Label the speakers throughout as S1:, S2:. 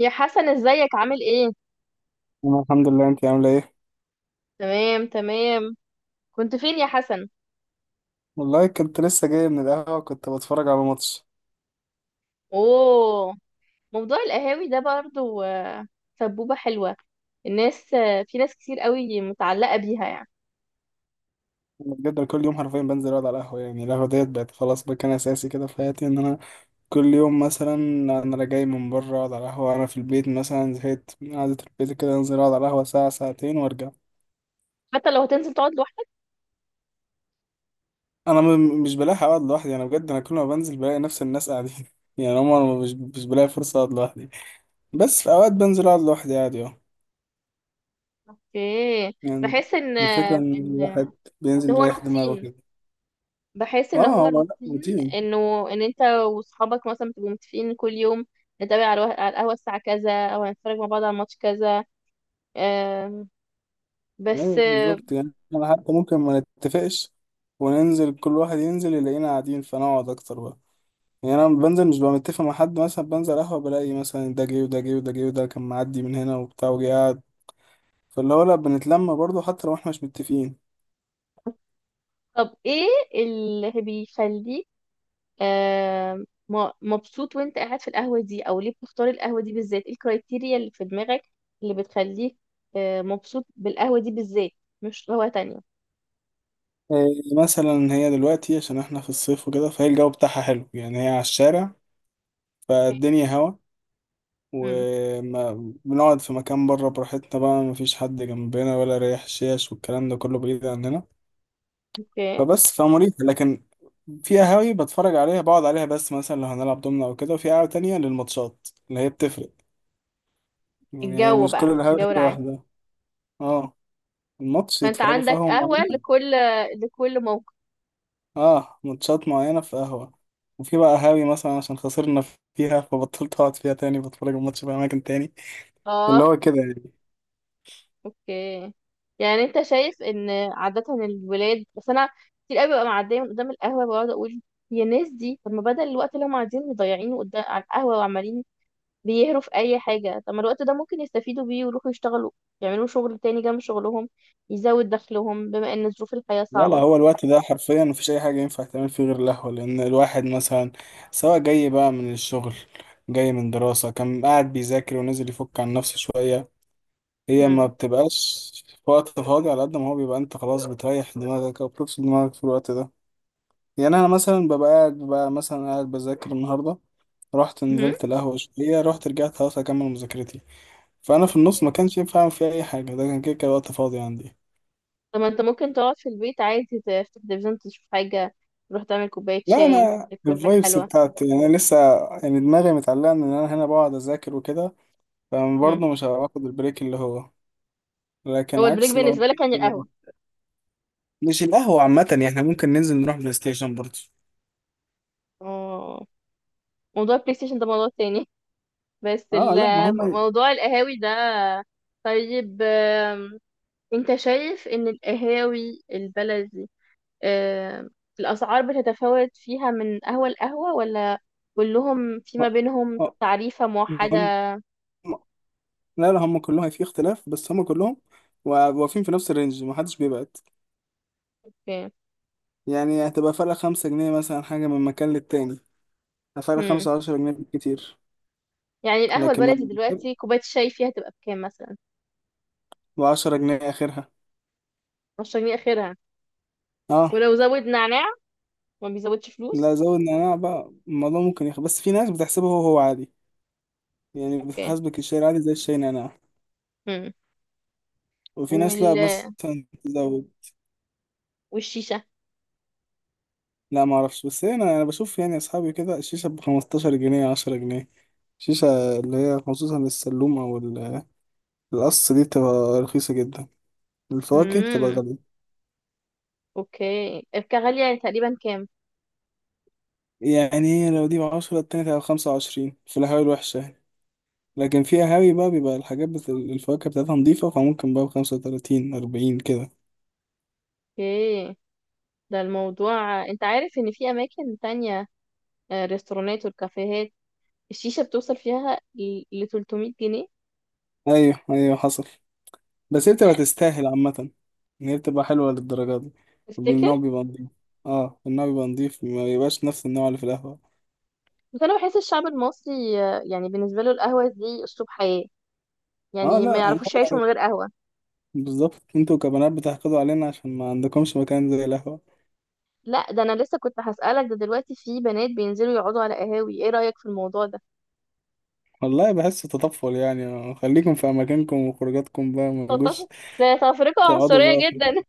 S1: يا حسن، ازيك؟ عامل ايه؟
S2: أنا الحمد لله، أنت عاملة إيه؟
S1: تمام تمام. كنت فين يا حسن؟
S2: والله كنت لسه جاي من القهوة، كنت بتفرج على ماتش.
S1: اوه. موضوع القهاوي ده برضو، سبوبة حلوة. الناس آه، في ناس كتير قوي متعلقة بيها يعني.
S2: أنا بجد كل يوم حرفيا بنزل أقعد على القهوة، يعني القهوة ديت بقت خلاص مكان أساسي كده في حياتي، إن أنا كل يوم مثلا أنا لا جاي من بره أقعد على القهوة، أنا في البيت مثلا زهقت من قعدة البيت كده أنزل أقعد على القهوة ساعة ساعتين وأرجع.
S1: حتى لو هتنزل تقعد لوحدك؟
S2: أنا مش بلاحق أقعد لوحدي، أنا بجد أنا كل ما بنزل بلاقي نفس الناس قاعدين. يعني هما مش بلاقي فرصة أقعد لوحدي، بس في أوقات بنزل أقعد لوحدي عادي أه.
S1: ايه؟
S2: يعني
S1: بحس ان آه،
S2: الفكرة إن
S1: ان
S2: الواحد
S1: ان
S2: بينزل
S1: هو
S2: يريح دماغه
S1: روتين.
S2: كده.
S1: بحس ان هو
S2: اه، هو لا
S1: روتين.
S2: روتين.
S1: ان انت واصحابك مثلا بتبقوا متفقين كل يوم نتابع على على القهوة الساعة كذا او هنتفرج مع بعض على الماتش كذا. آم، بس
S2: ايوه
S1: آه،
S2: بالظبط، يعني احنا حتى ممكن ما نتفقش وننزل، كل واحد ينزل يلاقينا قاعدين فنقعد اكتر بقى. يعني انا بنزل مش ببقى متفق مع حد، مثلا بنزل قهوه بلاقي مثلا ده جه وده جه وده جه وده كان معدي من هنا وبتاع وجه قاعد، فاللي هو لا بنتلم برضه حتى لو احنا مش متفقين.
S1: طب ايه اللي بيخليك مبسوط وانت قاعد في القهوة دي، او ليه بتختار القهوة دي بالذات؟ ايه الكرايتيريا اللي في دماغك اللي بتخليك مبسوط بالقهوة دي بالذات، مش قهوة تانية؟
S2: إيه مثلا، هي دلوقتي عشان احنا في الصيف وكده فهي الجو بتاعها حلو، يعني هي على الشارع فالدنيا هوا
S1: امم.
S2: وما بنقعد في مكان بره براحتنا بقى، مفيش حد جنبنا ولا ريح شيش والكلام ده كله بعيد عننا،
S1: اوكي.
S2: فبس فمريحة. لكن في قهاوي بتفرج عليها، بقعد عليها بس مثلا لو هنلعب دومنا او كده، وفي قهوة تانية للماتشات، اللي هي بتفرق. يعني هي
S1: الجو
S2: مش كل
S1: بقى،
S2: القهاوي
S1: الجو
S2: حاجة
S1: العام.
S2: واحدة. اه، الماتش
S1: فانت
S2: يتفرجوا في
S1: عندك
S2: قهوة
S1: قهوة
S2: معينة.
S1: لكل موقف؟
S2: اه ماتشات معينة في قهوة، وفي بقى قهاوي مثلا عشان خسرنا فيها فبطلت اقعد فيها تاني، بتفرج الماتش في اماكن تاني، واللي
S1: اه.
S2: هو كده يعني.
S1: اوكي. يعني انت شايف ان عادة الولاد. بس انا كتير قوي ببقى معدية من قدام القهوة، بقعد اقول يا ناس دي، طب ما بدل الوقت اللي هم قاعدين مضيعينه قدام على القهوة وعمالين بيهروا في اي حاجه، طب ما الوقت ده ممكن يستفيدوا بيه ويروحوا يشتغلوا، يعملوا شغل تاني جنب شغلهم يزود دخلهم، بما ان ظروف الحياه
S2: لا لا،
S1: صعبه.
S2: هو الوقت ده حرفيا مفيش اي حاجة ينفع تعمل فيه غير القهوة، لان الواحد مثلا سواء جاي بقى من الشغل، جاي من دراسة كان قاعد بيذاكر ونزل يفك عن نفسه شوية. هي ما
S1: مم.
S2: بتبقاش في وقت فاضي، على قد ما هو بيبقى انت خلاص بتريح دماغك او بتفصل دماغك في الوقت ده. يعني انا مثلا ببقى قاعد، ببقى مثلا قاعد بذاكر النهارده، رحت
S1: مم.
S2: نزلت القهوه شويه، رحت رجعت خلاص اكمل مذاكرتي، فانا في النص ما
S1: اوكي.
S2: كانش ينفع اعمل فيها اي حاجه، ده كان كده كده وقت فاضي عندي.
S1: طب ما انت ممكن تقعد في البيت عادي، تفتح تلفزيون تشوف حاجه، تروح تعمل كوبايه
S2: لا
S1: شاي،
S2: انا
S1: تاكل حاجه
S2: الفايبس
S1: حلوه.
S2: بتاعتي يعني، انا لسه يعني دماغي متعلقه ان انا هنا بقعد اذاكر وكده،
S1: مم.
S2: فبرضه مش هاخد البريك اللي هو. لكن
S1: هو البريك
S2: عكس لو.
S1: بالنسبه لك يعني القهوه؟
S2: مش القهوه عامه، يعني احنا ممكن ننزل نروح بلاي ستيشن برضه.
S1: اه. موضوع البلاي ستيشن ده موضوع تاني. بس
S2: اه لا ما هم.
S1: موضوع القهاوي ده. طيب. انت شايف ان القهاوي البلدي، آه، الأسعار بتتفاوت فيها من قهوة لقهوة، ولا كلهم في ما بينهم
S2: اه،
S1: تعريفة
S2: ما
S1: موحدة؟
S2: هم. لا لا، هم كلهم في اختلاف، بس هم كلهم واقفين في نفس الرينج، ما حدش بيبعد.
S1: اوكي.
S2: يعني هتبقى فرق 5 جنيه مثلا، حاجة من مكان للتاني، فرق
S1: مم.
S2: 5، 10 جنيه بالكتير.
S1: يعني القهوة
S2: لكن
S1: البلدي
S2: ما،
S1: دلوقتي كوباية الشاي فيها تبقى بكام مثلا؟
S2: و 10 جنيه آخرها.
S1: 10 جنيه آخرها.
S2: اه
S1: ولو زود نعناع، ما بيزودش فلوس؟
S2: لا، زود نعناع بقى الموضوع ممكن يخ... بس في ناس بتحسبه هو هو عادي، يعني
S1: اوكي.
S2: بتحسبك الشاي العادي زي الشاي نعناع.
S1: مم.
S2: وفي ناس لا
S1: وال...
S2: مثلا تزود.
S1: والشيشة؟
S2: لا ما اعرفش، بس انا انا بشوف يعني اصحابي كده الشيشه ب 15 جنيه، 10 جنيه. الشيشه اللي هي خصوصا السلوم او القص دي بتبقى رخيصه جدا، الفواكه بتبقى
S1: مم.
S2: غاليه.
S1: اوكي. الكحة غالية يعني، تقريبا كام؟
S2: يعني إيه؟ لو دي بـ 10، التانية تبقى بـ 25 في القهاوي الوحشة يعني. لكن في قهاوي بقى بيبقى الحاجات بت... الفواكه بتاعتها نضيفة، فممكن بقى بـ 35، 40 كده.
S1: اوكي. ده الموضوع، انت عارف ان في اماكن تانية، ريستورانات والكافيهات، الشيشة بتوصل فيها ل 300 جنيه.
S2: أيوه أيوه حصل، بس هي بتبقى تستاهل عامة، إن هي بتبقى حلوة للدرجة دي.
S1: تفتكر؟
S2: والنوع بيبقى نضيف. اه النوع بيبقى نضيف، ما بيبقاش نفس النوع اللي في القهوة.
S1: بس انا بحس الشعب المصري، يعني بالنسبه له القهوه دي اسلوب حياه،
S2: اه
S1: يعني ما
S2: لا أنا
S1: يعرفوش يعيشوا من
S2: عارف.
S1: غير قهوه.
S2: بالظبط، انتوا كبنات بتحقدوا علينا عشان ما عندكمش مكان زي القهوة.
S1: لا، ده انا لسه كنت هسالك. ده دلوقتي في بنات بينزلوا يقعدوا على قهاوي، ايه رايك في الموضوع ده؟
S2: والله بحس تطفل، يعني خليكم في اماكنكم وخروجاتكم بقى، ما تجوش.
S1: ده تفرقه
S2: تقعدوا
S1: عنصريه
S2: بقى
S1: جدا.
S2: في...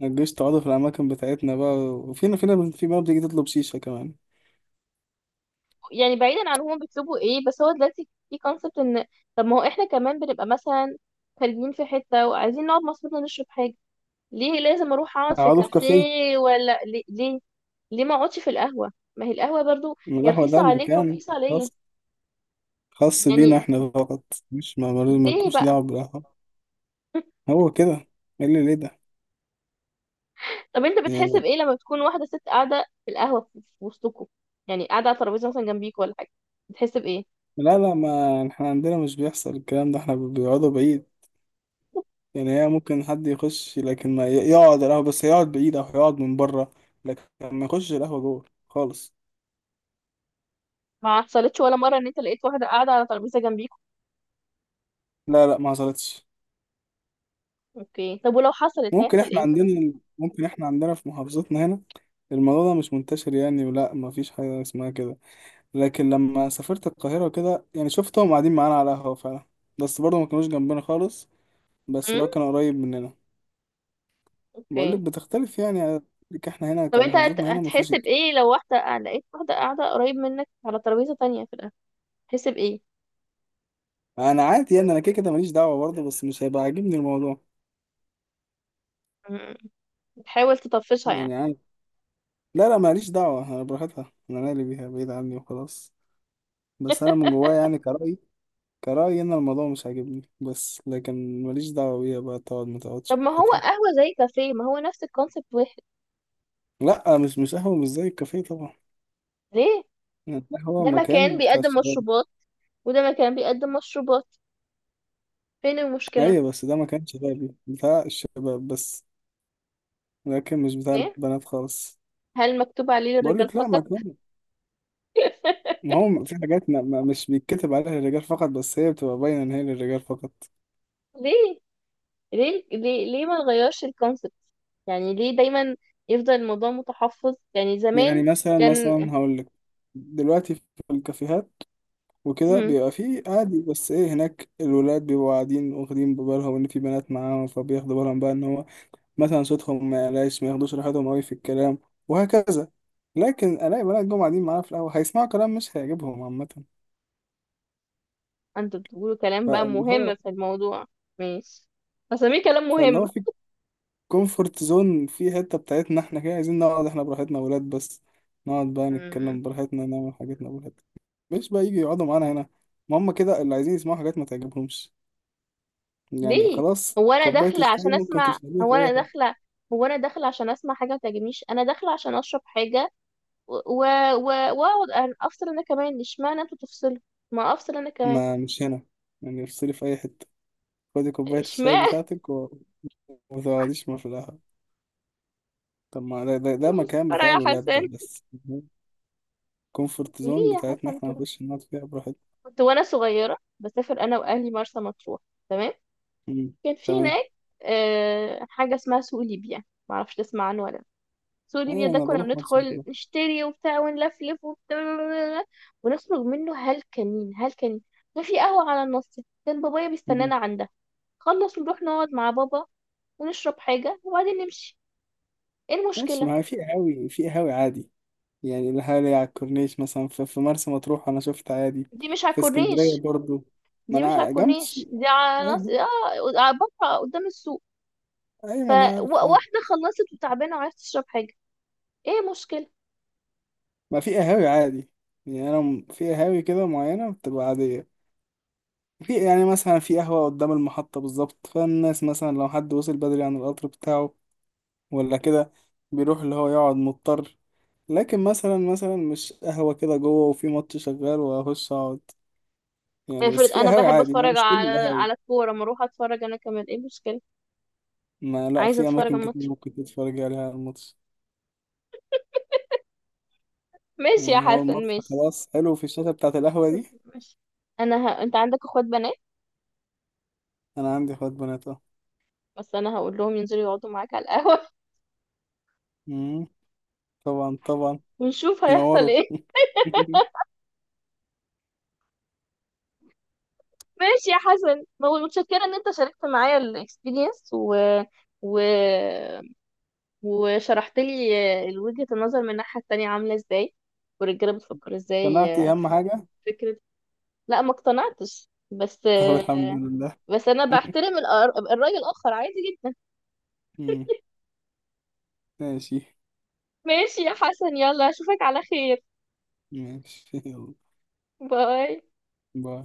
S2: ما تجوش تقعدوا في الاماكن بتاعتنا بقى، وفينا فينا في بقى بتيجي تطلب شيشة كمان.
S1: يعني بعيدا عن هم بيطلبوا ايه، بس هو دلوقتي في كونسبت ان، طب ما هو احنا كمان بنبقى مثلا خارجين في حته وعايزين نقعد مع اصحابنا نشرب حاجه، ليه لازم اروح اقعد في
S2: اقعدوا في كافيه.
S1: كافيه؟ ولا ليه، ليه ما اقعدش في القهوه؟ ما هي القهوه برضو
S2: من
S1: هي
S2: القهوة
S1: رخيصه
S2: ده
S1: عليك
S2: مكان
S1: ورخيصه عليا.
S2: خاص، خاص بينا
S1: يعني
S2: احنا فقط. مش ما
S1: ليه
S2: مالكوش
S1: بقى؟
S2: دعوة بالقهوة. هو كده. ايه اللي ليه ده؟
S1: طب انت بتحس
S2: يعني
S1: بايه لما تكون واحده ست قاعده في القهوه، في وسطكم، يعني قاعده على ترابيزه مثلا جنبيك ولا حاجه، بتحس بايه؟
S2: لا لا، ما احنا عندنا مش بيحصل الكلام ده، احنا بيقعدوا بعيد. يعني هي ممكن حد يخش، لكن ما يقعد القهوة، بس يقعد بعيد أو يقعد من بره، لكن ما يخش القهوة جوه خالص.
S1: ما حصلتش ولا مره ان انت لقيت واحده قاعده على ترابيزه جنبيك؟
S2: لا لا، ما حصلتش.
S1: اوكي. طب ولو حصلت
S2: ممكن
S1: هيحصل
S2: احنا
S1: ايه؟
S2: عندنا، ممكن احنا عندنا في محافظتنا هنا الموضوع ده مش منتشر يعني، ولا ما فيش حاجة اسمها كده. لكن لما سافرت القاهرة كده يعني شفتهم قاعدين معانا على القهوة فعلا، بس برضه ما كانوش جنبنا خالص. بس لو
S1: امم.
S2: كان قريب مننا. بقول لك
S1: اوكي.
S2: بتختلف يعني، لك احنا هنا
S1: طب انت
S2: كمحافظتنا هنا ما
S1: هتحس
S2: فيش
S1: بايه لو لقيت واحده قاعده قريب منك على ترابيزه تانية في القهوه، تحس بايه؟
S2: انا عادي يعني، انا كده كده ماليش دعوة برضه، بس مش هيبقى عاجبني الموضوع.
S1: امم. بتحاول تطفشها يعني؟
S2: يعني لا لا، ماليش دعوة، أنا براحتها، أنا مالي بيها، بعيد عني وخلاص. بس أنا من جوايا يعني كرأيي، كرأيي إن الموضوع مش عاجبني، بس لكن ماليش دعوة بيها بقى، تقعد ما تقعدش
S1: طب ما هو
S2: براحتها.
S1: قهوه زي كافيه، ما هو نفس الكونسيبت واحد.
S2: لا مش قهوة مش زي الكافيه طبعا.
S1: ليه؟
S2: يعني القهوة
S1: ده مكان
S2: مكان بتاع
S1: بيقدم
S2: الشباب.
S1: مشروبات، وده مكان بيقدم مشروبات، فين المشكلة؟
S2: أيوة بس ده مكان شبابي بتاع الشباب بس، لكن مش بتاع
S1: ايه،
S2: البنات خالص.
S1: هل مكتوب عليه للرجال
S2: بقولك لا،
S1: فقط؟
S2: مكان. ما هو في حاجات مش بيتكتب عليها للرجال فقط، بس هي بتبقى باينة إن هي للرجال فقط.
S1: ليه ليه ليه ليه ما نغيرش الكونسبت؟ يعني ليه دايما يفضل الموضوع متحفظ، يعني
S2: يعني
S1: زمان
S2: مثلا
S1: كان.
S2: مثلا هقولك، دلوقتي في الكافيهات وكده
S1: مم.
S2: بيبقى فيه عادي، بس ايه، هناك الولاد بيبقوا قاعدين واخدين ببالهم ان في بنات معاهم، فبياخدوا بالهم بقى ان هو مثلا صوتهم ما يعلاش، ما ياخدوش راحتهم قوي في الكلام، وهكذا. لكن الاقي بنات جم قاعدين معانا في القهوه هيسمعوا كلام مش هيعجبهم عامه.
S1: انتوا بتقولوا كلام بقى
S2: فاللي
S1: مهم
S2: هو،
S1: في الموضوع؟ ماشي، هسميه كلام
S2: فاللي هو
S1: مهم.
S2: في كومفورت زون في حته بتاعتنا احنا كده، عايزين نقعد احنا براحتنا ولاد بس، نقعد بقى
S1: مم.
S2: نتكلم براحتنا، نعمل حاجتنا براحتنا، مش بقى يجي يقعدوا معانا هنا. ما هم كده اللي عايزين يسمعوا حاجات ما تعجبهمش، يعني
S1: ليه؟
S2: خلاص
S1: هو انا
S2: كوباية
S1: داخله
S2: الشاي
S1: عشان
S2: ممكن
S1: اسمع
S2: تشربيها
S1: هو
S2: في أي
S1: انا
S2: حتة.
S1: داخله هو انا داخله عشان اسمع حاجه ما تعجبنيش، انا داخله عشان اشرب حاجه واقعد افصل انا كمان. اشمعنى انتوا تفصلوا؟ ما افصل انا كمان.
S2: ما مش هنا، يعني افصلي في أي حتة، خدي كوباية الشاي
S1: اشمعنى؟
S2: بتاعتك و... وتقعديش مفلاها. طب ما ده مكان
S1: مسخرة
S2: بتاع
S1: يا
S2: الولاد
S1: حسن.
S2: ده بس، كومفورت زون
S1: ليه يا
S2: بتاعتنا
S1: حسن
S2: احنا
S1: كده؟
S2: نخش نقعد فيها براحتنا.
S1: كنت وانا صغيرة بسافر انا واهلي مرسى مطروح. تمام.
S2: مم.
S1: كان في
S2: تمام.
S1: هناك حاجة اسمها سوق ليبيا. معرفش تسمع عنه ولا لأ. سوق ليبيا
S2: أيوة
S1: ده
S2: أنا
S1: كنا
S2: بروح نفس
S1: بندخل
S2: كده.
S1: نشتري وبتاع، ونلفلف وبتاع، ونخرج منه هلكانين هلكانين. كان في قهوة على النص، كان بابايا
S2: مم.
S1: بيستنانا عندها. خلص نروح نقعد مع بابا، ونشرب حاجة وبعدين نمشي. ايه
S2: ماشي
S1: المشكلة؟
S2: ما هو في قهاوي، في قهاوي عادي. يعني القهاوي على الكورنيش مثلا في مرسى مطروح أنا شفت عادي،
S1: دي مش على
S2: في اسكندرية
S1: الكورنيش
S2: برضو. ما
S1: دي
S2: أنا
S1: مش على
S2: جنب
S1: الكورنيش
S2: السوق.
S1: دي على
S2: أيوة
S1: نص.
S2: جنب-.
S1: اه، بقى قدام السوق.
S2: أيوة ما أنا عارف.
S1: فواحدة خلصت وتعبانة وعايزة تشرب حاجة، ايه مشكلة؟
S2: ما في قهاوي عادي، يعني انا في قهاوي كده معينه بتبقى عاديه. في يعني مثلا في قهوه قدام المحطه بالظبط، فالناس مثلا لو حد وصل بدري عن القطر بتاعه ولا كده بيروح اللي هو يقعد مضطر. لكن مثلا مثلا مش قهوه كده جوه وفي ماتش شغال واخش اقعد يعني،
S1: افرض
S2: بس في
S1: انا
S2: قهاوي
S1: بحب
S2: عادي، يعني
S1: اتفرج
S2: مش كل
S1: على
S2: القهاوي.
S1: على الكورة، ما اروح اتفرج انا كمان، ايه مشكلة؟
S2: ما لا،
S1: عايزة
S2: في
S1: اتفرج على
S2: اماكن كتير
S1: الماتش.
S2: ممكن تتفرج عليها على الماتش.
S1: ماشي يا
S2: يعني هو
S1: حسن،
S2: الماتش
S1: ماشي.
S2: خلاص حلو في الشاشه بتاعت القهوه دي.
S1: ماشي. انت عندك اخوات بنات؟
S2: انا عندي اخوات بنات اه.
S1: بس انا هقول لهم ينزلوا يقعدوا معاك على القهوة.
S2: مم، طبعا طبعا،
S1: ونشوف هيحصل
S2: ينوروا.
S1: ايه. ماشي يا حسن. متشكرة ان انت شاركت معايا الاكسبيرينس و... وشرحت لي وجهة النظر من الناحية التانية عاملة ازاي، والرجالة بتفكر ازاي،
S2: اقتنعتي؟ اهم
S1: في
S2: حاجة.
S1: فكرة. لا ما اقتنعتش بس.
S2: طب الحمد لله.
S1: بس انا بحترم الرأي الآخر عادي جدا.
S2: مم. ماشي.
S1: ماشي يا حسن، يلا اشوفك على خير.
S2: ماشي يلا.
S1: باي.
S2: باي.